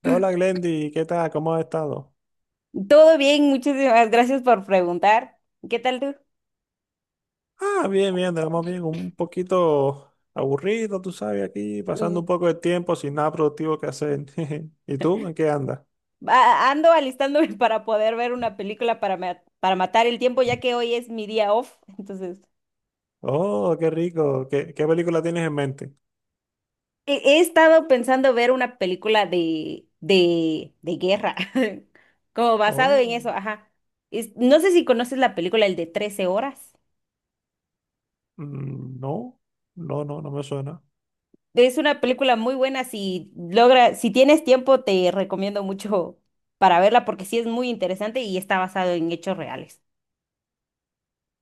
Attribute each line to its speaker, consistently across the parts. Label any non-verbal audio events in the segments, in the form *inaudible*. Speaker 1: Hola Glendy, ¿qué tal? ¿Cómo has estado?
Speaker 2: Todo bien, muchísimas gracias por preguntar. ¿Qué tal tú?
Speaker 1: Bien, bien, estamos bien, un poquito aburrido, tú sabes, aquí pasando un
Speaker 2: Mm,
Speaker 1: poco de tiempo sin nada productivo que hacer. *laughs* ¿Y tú? ¿En qué andas?
Speaker 2: Ando alistándome *laughs* para poder ver una película para matar el tiempo, ya que hoy es mi día off.
Speaker 1: Oh, qué rico. ¿Qué película tienes en mente?
Speaker 2: He estado pensando ver una película de guerra, *laughs* como basado en
Speaker 1: Oh,
Speaker 2: eso, ajá. No sé si conoces la película El de 13 horas.
Speaker 1: mm, no, no me suena.
Speaker 2: Es una película muy buena, si tienes tiempo, te recomiendo mucho para verla porque sí es muy interesante y está basado en hechos reales.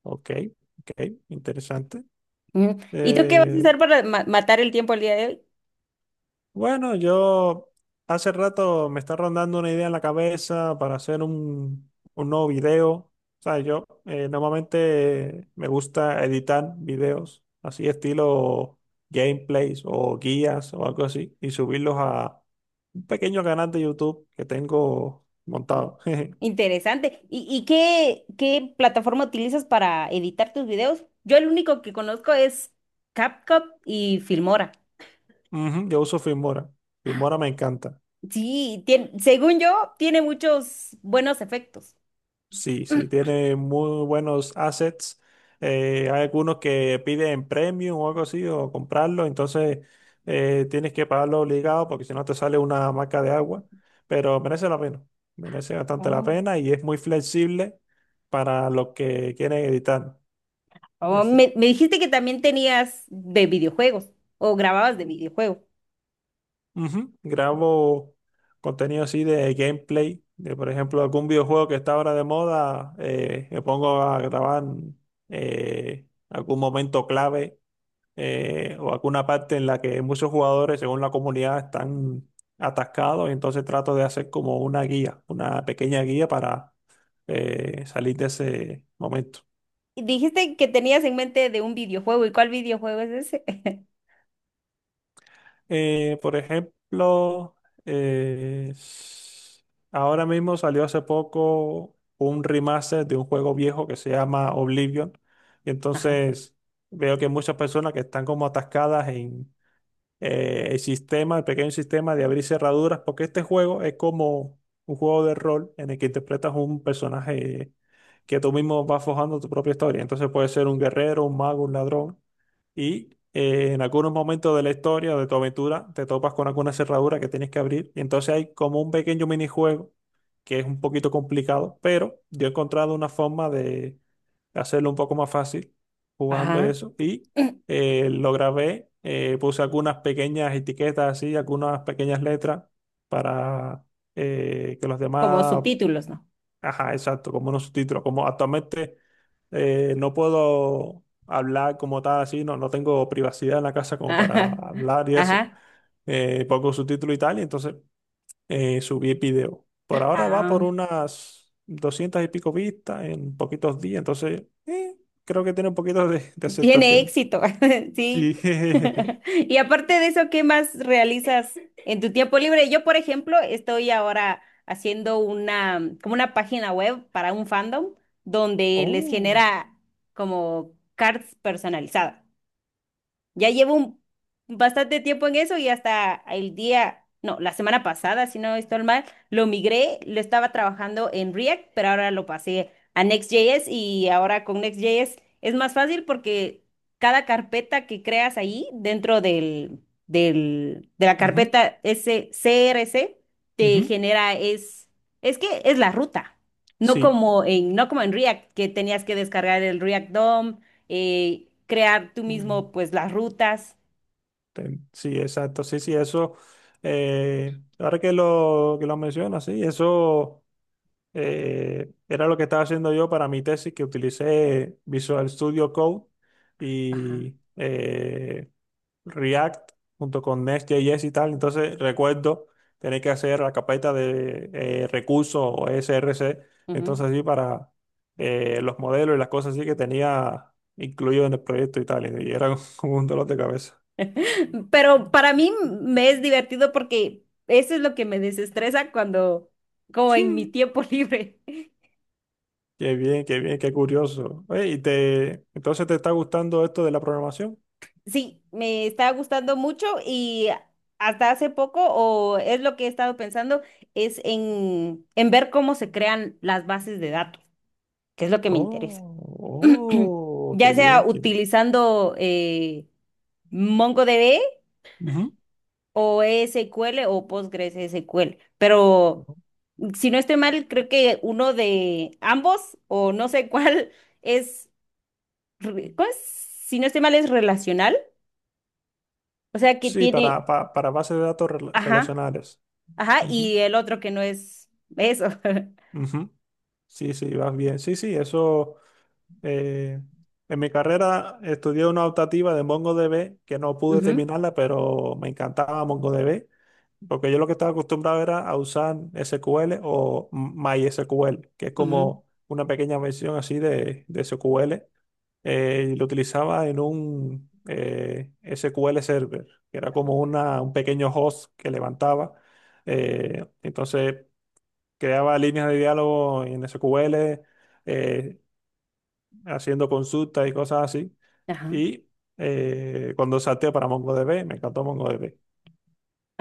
Speaker 1: Ok, ok, interesante.
Speaker 2: Ujú. ¿Y tú qué vas a
Speaker 1: Eh,
Speaker 2: hacer para matar el tiempo el día de hoy?
Speaker 1: Bueno, yo hace rato me está rondando una idea en la cabeza para hacer un nuevo video. O sea, yo normalmente me gusta editar videos así estilo gameplays o guías o algo así y subirlos a un pequeño canal de YouTube que tengo
Speaker 2: Inter-
Speaker 1: montado. *laughs*
Speaker 2: Interesante. ¿Y qué plataforma utilizas para editar tus videos? Yo el único que conozco es CapCut y Filmora.
Speaker 1: Ujú, yo uso Filmora. Filmora me encanta.
Speaker 2: Sí, según yo, tiene muchos buenos efectos.
Speaker 1: Sí, sí,
Speaker 2: *clears throat*
Speaker 1: tiene muy buenos assets. Hay algunos que piden premium o algo así, o comprarlo, entonces tienes que pagarlo obligado porque si no te sale una marca de agua, pero merece la pena, merece bastante la
Speaker 2: Oh.
Speaker 1: pena y es muy flexible para los que quieren editar y
Speaker 2: Oh,
Speaker 1: así.
Speaker 2: me dijiste que también tenías de videojuegos o grababas de videojuegos.
Speaker 1: Ujú. Grabo contenido así de gameplay, de por ejemplo algún videojuego que está ahora de moda, me pongo a grabar algún momento clave o alguna parte en la que muchos jugadores, según la comunidad, están atascados, y entonces trato de hacer como una guía, una pequeña guía para salir de ese momento.
Speaker 2: Y dijiste que tenías en mente de un videojuego. ¿Y cuál videojuego es ese?
Speaker 1: Por ejemplo, eh, s- ahora mismo salió hace poco un remaster de un juego viejo que se llama Oblivion, y
Speaker 2: *laughs* Ajá.
Speaker 1: entonces veo que hay muchas personas que están como atascadas el sistema, el pequeño sistema de abrir cerraduras, porque este juego es como un juego de rol en el que interpretas un personaje que tú mismo vas forjando tu propia historia. Entonces puede ser un guerrero, un mago, un ladrón y en algunos momentos de la historia o de tu aventura te topas con alguna cerradura que tienes que abrir. Y entonces hay como un pequeño minijuego que es un poquito complicado, pero yo he encontrado una forma de hacerlo un poco más fácil jugando
Speaker 2: Ajá.
Speaker 1: eso y
Speaker 2: *clears throat*
Speaker 1: lo grabé, puse algunas pequeñas etiquetas así, algunas pequeñas letras para que los
Speaker 2: Como
Speaker 1: demás.
Speaker 2: subtítulos, ¿no?
Speaker 1: Ajá, exacto, como unos subtítulos. Como actualmente no puedo hablar como tal así, no, no tengo privacidad en la casa
Speaker 2: *laughs*
Speaker 1: como para
Speaker 2: Ajá.
Speaker 1: hablar y eso.
Speaker 2: Ajá.
Speaker 1: Pongo subtítulos y tal, y entonces subí el video. Por ahora va por
Speaker 2: Ah,
Speaker 1: unas 200 y pico vistas en poquitos días, entonces creo que tiene un poquito de
Speaker 2: tiene
Speaker 1: aceptación.
Speaker 2: éxito. *laughs* Sí.
Speaker 1: Sí, *laughs*
Speaker 2: *laughs*
Speaker 1: jejeje.
Speaker 2: Y aparte de eso, ¿qué más realizas en tu tiempo libre? Yo, por ejemplo, estoy ahora haciendo una, como una página web para un fandom donde les
Speaker 1: Oh,
Speaker 2: genera como cards personalizadas. Ya bastante tiempo en eso y hasta el día, no, la semana pasada, si no estoy mal, lo migré, lo estaba trabajando en React, pero ahora lo pasé a Next.js, y ahora con Next.js es más fácil porque cada carpeta que creas ahí dentro de la
Speaker 1: ujú,
Speaker 2: carpeta ese CRC te
Speaker 1: ujú,
Speaker 2: genera es que es la ruta.
Speaker 1: sí.
Speaker 2: No como en React, que tenías que descargar el React DOM, crear tú mismo pues las rutas.
Speaker 1: Sí, exacto, sí, sí, eso, ahora que lo mencionas, sí, eso era lo que estaba haciendo yo para mi tesis, que utilicé Visual Studio Code
Speaker 2: Ajá.
Speaker 1: y React junto con Next.js y tal, entonces recuerdo tener que hacer la carpeta de recursos o SRC,
Speaker 2: Ujú.
Speaker 1: entonces sí para los modelos y las cosas así que tenía incluido en el proyecto y tal, y era *laughs* como un dolor de cabeza.
Speaker 2: *laughs* Pero para mí me es divertido porque eso es lo que me desestresa cuando, como en mi
Speaker 1: *laughs*
Speaker 2: tiempo *laughs* libre.
Speaker 1: Qué bien, qué bien, qué curioso. Oye, ¿y te, entonces te está gustando esto de la programación?
Speaker 2: Sí, me está gustando mucho y hasta hace poco, o es lo que he estado pensando, es en ver cómo se crean las bases de datos, que es lo que me interesa.
Speaker 1: Oh,
Speaker 2: *clears throat*
Speaker 1: oh, qué
Speaker 2: Ya sea
Speaker 1: bien, qué bien.
Speaker 2: utilizando MongoDB
Speaker 1: Ujú,
Speaker 2: o SQL o Postgres SQL. Pero si no estoy mal, creo que uno de ambos, o no sé *laughs* cuál, es, ¿cómo es? Si no estoy mal, es relacional. O sea que
Speaker 1: sí,
Speaker 2: tiene,
Speaker 1: para bases de datos
Speaker 2: ajá,
Speaker 1: relacionales.
Speaker 2: ajá,
Speaker 1: Ujú,
Speaker 2: y el otro que no es eso. *laughs*
Speaker 1: ujú. Sí, sí, vas bien. Sí, sí, eso. Eh, en mi carrera estudié una optativa de MongoDB que no pude
Speaker 2: Ujú,
Speaker 1: terminarla, pero me encantaba MongoDB, porque yo lo que estaba acostumbrado era a usar SQL o MySQL, que es
Speaker 2: ujú.
Speaker 1: como una pequeña versión así de SQL. Y lo utilizaba en un SQL Server, que era como un pequeño host que levantaba. Entonces creaba líneas de diálogo en SQL haciendo consultas y cosas así.
Speaker 2: Ajá.
Speaker 1: Y cuando salté para MongoDB, me encantó MongoDB.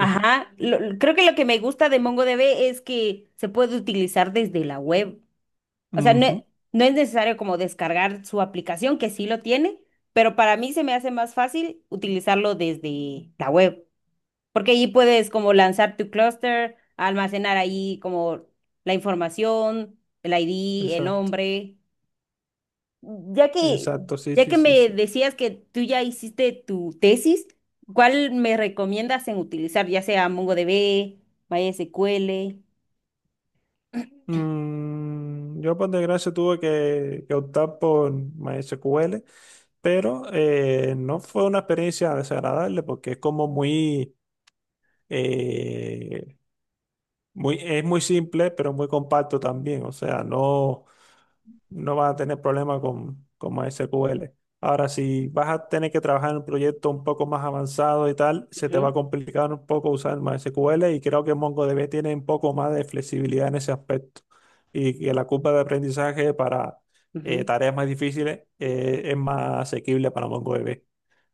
Speaker 1: *laughs*
Speaker 2: Creo que lo que me gusta de MongoDB es que se puede utilizar desde la web. O sea, no,
Speaker 1: Ujú,
Speaker 2: no es necesario como descargar su aplicación, que sí lo tiene, pero para mí se me hace más fácil utilizarlo desde la web, porque ahí puedes como lanzar tu clúster, almacenar ahí como la información, el ID, el
Speaker 1: exacto,
Speaker 2: nombre. Ya que,
Speaker 1: exacto, sí,
Speaker 2: ya
Speaker 1: sí,
Speaker 2: que
Speaker 1: sí,
Speaker 2: me
Speaker 1: sí.
Speaker 2: decías que tú ya hiciste tu tesis, ¿cuál me recomiendas en utilizar, ya sea MongoDB, MySQL? *clears throat*
Speaker 1: Mm, yo por desgracia tuve que optar por MySQL, pero no fue una experiencia desagradable porque es como muy, eh, es muy simple, pero muy compacto también. O sea, no, no vas a tener problema con MySQL. Ahora, si vas a tener que trabajar en un proyecto un poco más avanzado y tal, se te va a
Speaker 2: Ujú,
Speaker 1: complicar un poco usar MySQL y creo que MongoDB tiene un poco más de flexibilidad en ese aspecto. Y que la curva de aprendizaje para
Speaker 2: ujú.
Speaker 1: tareas más difíciles es más asequible para MongoDB.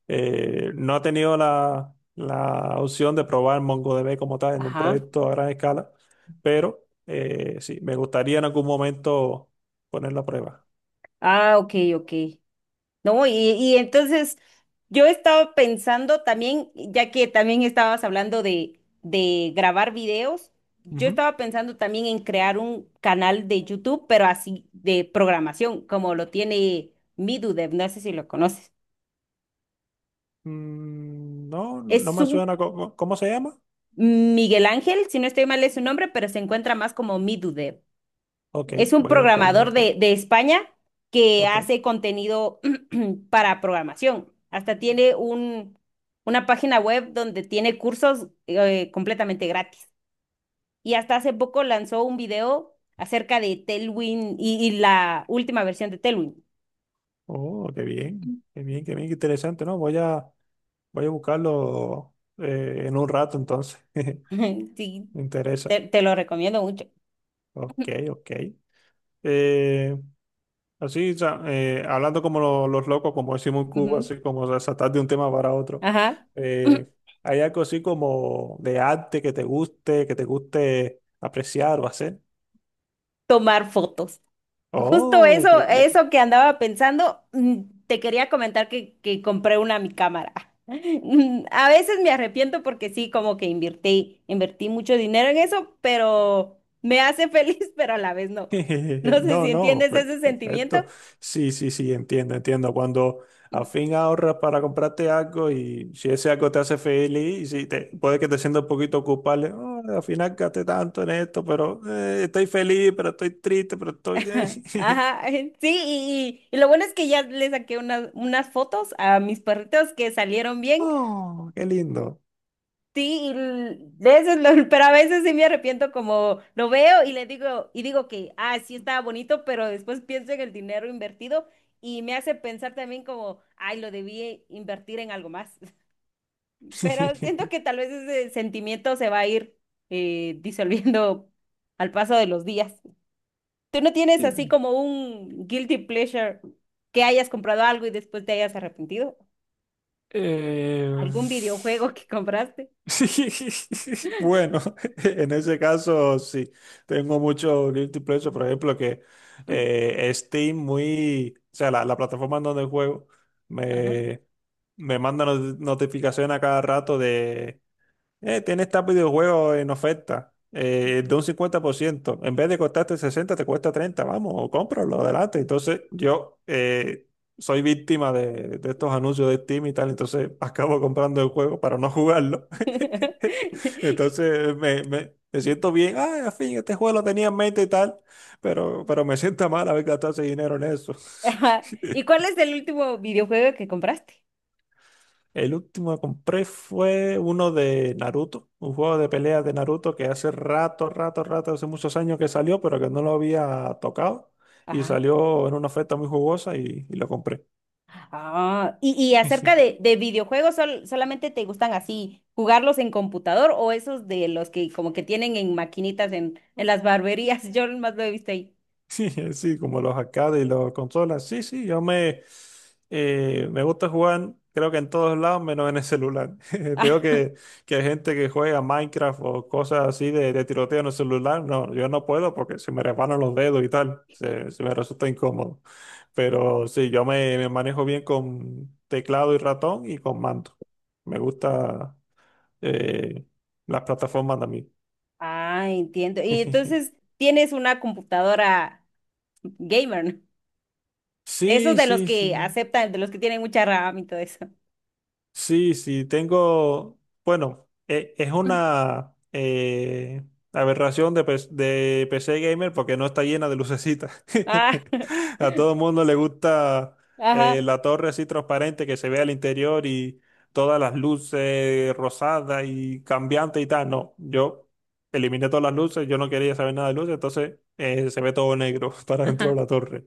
Speaker 1: No he tenido la, la opción de probar MongoDB como tal en un
Speaker 2: Ajá.
Speaker 1: proyecto a gran escala, pero sí, me gustaría en algún momento ponerlo a prueba.
Speaker 2: Ah, ok, ok. No, y entonces yo estaba pensando también, ya que también estabas hablando de grabar videos, yo
Speaker 1: Ujú.
Speaker 2: estaba pensando también en crear un canal de YouTube, pero así de programación, como lo tiene Midudev, no sé si lo conoces.
Speaker 1: Mm, no, no
Speaker 2: Es
Speaker 1: me
Speaker 2: un
Speaker 1: suena. ¿Cómo se llama?
Speaker 2: Miguel Ángel, si no estoy mal es su nombre, pero se encuentra más como Midudev.
Speaker 1: Ok,
Speaker 2: Es un
Speaker 1: voy a buscarlo
Speaker 2: programador
Speaker 1: después.
Speaker 2: de España que
Speaker 1: Ok.
Speaker 2: hace contenido *clears throat* para programación. Hasta tiene un, una página web donde tiene cursos completamente gratis. Y hasta hace poco lanzó un video acerca de Tailwind y la última versión de Tailwind.
Speaker 1: Oh, qué bien. Qué bien, qué bien, qué interesante, ¿no? Voy a, voy a buscarlo en un rato entonces. *laughs*
Speaker 2: *laughs* Sí,
Speaker 1: Me interesa.
Speaker 2: te lo recomiendo mucho.
Speaker 1: Ok, ok. Eh, así, o sea, hablando como los locos, como decimos en Cuba,
Speaker 2: Ujú.
Speaker 1: así como saltar de un tema para otro.
Speaker 2: Ajá.
Speaker 1: Eh,
Speaker 2: *clears throat*
Speaker 1: ¿Hay algo así como de arte que te guste apreciar o hacer?
Speaker 2: Tomar fotos. Justo
Speaker 1: Oh,
Speaker 2: eso,
Speaker 1: qué bien.
Speaker 2: eso que andaba pensando, mm, te quería comentar que compré una mi cámara. *laughs* Mm, a veces me arrepiento porque sí, como que invertí mucho dinero en eso, pero me hace feliz, *laughs* pero a la vez no. No
Speaker 1: *laughs*
Speaker 2: sé
Speaker 1: No,
Speaker 2: si
Speaker 1: no,
Speaker 2: entiendes ese sentimiento.
Speaker 1: perfecto. Sí, sí, sí, entiendo, entiendo. Cuando al fin ahorras para comprarte algo y si ese algo te hace feliz, y si te, puede que te sientas un poquito culpable, "Oh, al final gasté tanto en esto, pero estoy feliz, pero estoy triste, pero estoy...
Speaker 2: *laughs*
Speaker 1: *laughs*
Speaker 2: Ajá, sí, y lo bueno es que ya le saqué unas fotos a mis perritos que salieron bien.
Speaker 1: Oh, qué lindo.
Speaker 2: Sí, y de veces *laughs* pero a veces sí me arrepiento como lo veo y le digo y digo que ah, sí estaba bonito, pero después pienso en el dinero invertido y me hace pensar también como, ay, lo debí invertir en algo más. *laughs* Pero siento
Speaker 1: *laughs*
Speaker 2: que tal vez ese sentimiento se va a ir disolviendo al paso de los días. ¿Tú no tienes así
Speaker 1: Sí.
Speaker 2: como un guilty pleasure que hayas comprado algo y después te hayas arrepentido?
Speaker 1: Eh,
Speaker 2: ¿Algún videojuego que compraste?
Speaker 1: *laughs* sí. *laughs* Bueno, *laughs* en ese caso sí, tengo mucho guilty pleasure, por ejemplo, que Steam muy, o sea, la plataforma en donde juego
Speaker 2: Ajá.
Speaker 1: me, me manda notificación a cada rato de tienes este videojuego en oferta de un 50%. En vez de costarte 60 te cuesta 30. Vamos, cómpralo, adelante. Entonces, yo soy víctima de estos anuncios de Steam y tal. Entonces, *laughs* acabo comprando el juego para no jugarlo.
Speaker 2: *laughs*
Speaker 1: *laughs*
Speaker 2: *laughs*
Speaker 1: Entonces, me, me siento bien. Ah, al fin, este juego lo tenía en mente y tal. Pero me siento mal haber gastado ese dinero en eso.
Speaker 2: Ajá. ¿Y
Speaker 1: *laughs*
Speaker 2: cuál es el último videojuego que compraste?
Speaker 1: El último que compré fue uno de Naruto, un juego de peleas de Naruto que hace rato, hace muchos años que salió, pero que no lo había tocado. Y
Speaker 2: Ajá.
Speaker 1: salió en una oferta muy jugosa y lo compré.
Speaker 2: Ah, y acerca
Speaker 1: *laughs*
Speaker 2: de videojuegos, ¿solamente te gustan así jugarlos en computador o esos de los que como que tienen en maquinitas en las barberías? *laughs* Yo más lo he visto ahí.
Speaker 1: Sí, *laughs* sí, como los arcades y los consolas. Sí, sí, yo me, me gusta jugar, creo que en todos lados, menos en el celular. *laughs* Veo que hay gente que juega Minecraft o cosas así de tiroteo en el celular. No, yo no puedo porque se me resbalan los dedos y tal. Se me resulta incómodo. Pero sí, yo me, me manejo bien con teclado y ratón y con mando. Me gusta eh, las plataformas también.
Speaker 2: Ah, entiendo. Y
Speaker 1: *laughs*
Speaker 2: entonces tienes una computadora gamer, ¿no? De esos
Speaker 1: Sí,
Speaker 2: de los
Speaker 1: sí,
Speaker 2: que
Speaker 1: sí.
Speaker 2: aceptan, de los que tienen mucha RAM y todo eso.
Speaker 1: Sí, sí, tengo, bueno, es
Speaker 2: *laughs*
Speaker 1: una aberración de, de PC Gamer porque no está llena de lucecitas.
Speaker 2: Ah,
Speaker 1: *laughs*
Speaker 2: *laughs*
Speaker 1: A todo el mundo le gusta
Speaker 2: ajá,
Speaker 1: la torre así transparente que se ve al interior y todas las luces rosadas y cambiantes y tal. No, yo eliminé todas las luces, yo no quería saber nada de luces, entonces se ve todo negro *laughs* para dentro de
Speaker 2: ajá,
Speaker 1: la torre.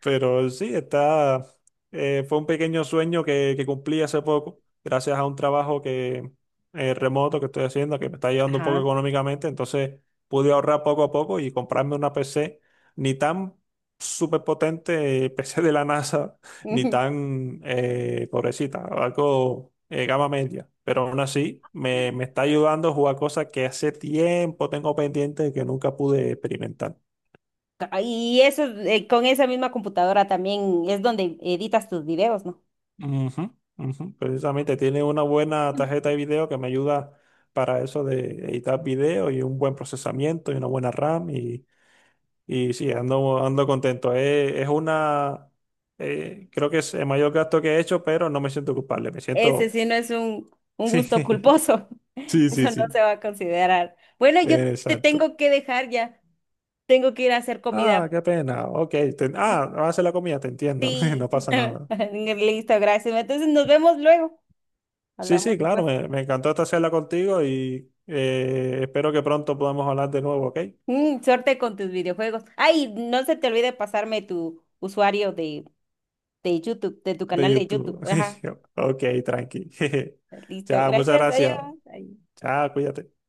Speaker 1: Pero sí, está, fue un pequeño sueño que cumplí hace poco, gracias a un trabajo que, remoto que estoy haciendo, que me está ayudando un poco
Speaker 2: ajá.
Speaker 1: económicamente. Entonces pude ahorrar poco a poco y comprarme una PC ni tan súper potente, *laughs* PC de la NASA, ni
Speaker 2: *laughs*
Speaker 1: tan pobrecita, algo gama media. Pero aún así, me está ayudando a jugar cosas que hace tiempo tengo pendiente y que nunca pude experimentar.
Speaker 2: Ah, y eso, con esa misma computadora también es donde editas tus videos, ¿no?
Speaker 1: Ujú, ujú, precisamente tiene una buena tarjeta de video que me ayuda para eso de editar video y un buen procesamiento y una buena RAM y sí, ando, ando contento. Es una, creo que es el mayor gasto que he hecho, pero no me siento culpable, me
Speaker 2: Ese
Speaker 1: siento...
Speaker 2: sí no es un gusto
Speaker 1: *laughs* Sí,
Speaker 2: culposo. *laughs*
Speaker 1: sí, sí,
Speaker 2: Eso no
Speaker 1: sí,
Speaker 2: se va a considerar. Bueno, yo te
Speaker 1: exacto.
Speaker 2: tengo que dejar ya. Tengo que ir a hacer
Speaker 1: Ah,
Speaker 2: comida.
Speaker 1: qué pena. Ok, va a hacer la comida, te entiendo, *laughs* no
Speaker 2: Sí.
Speaker 1: pasa
Speaker 2: *laughs*
Speaker 1: nada.
Speaker 2: Listo, gracias. Entonces nos vemos luego.
Speaker 1: Sí, sí,
Speaker 2: Hablamos
Speaker 1: claro,
Speaker 2: después.
Speaker 1: me encantó esta charla contigo y espero que pronto podamos hablar de nuevo, ¿ok?
Speaker 2: Mm, suerte con tus videojuegos. Ay, no se te olvide pasarme tu usuario de YouTube, de tu
Speaker 1: De
Speaker 2: canal de
Speaker 1: YouTube.
Speaker 2: YouTube. Ajá.
Speaker 1: *laughs* Ok, tranqui. *laughs*
Speaker 2: Listo.
Speaker 1: Chao, muchas
Speaker 2: Gracias.
Speaker 1: gracias.
Speaker 2: Adiós. Ay.
Speaker 1: Chao, cuídate.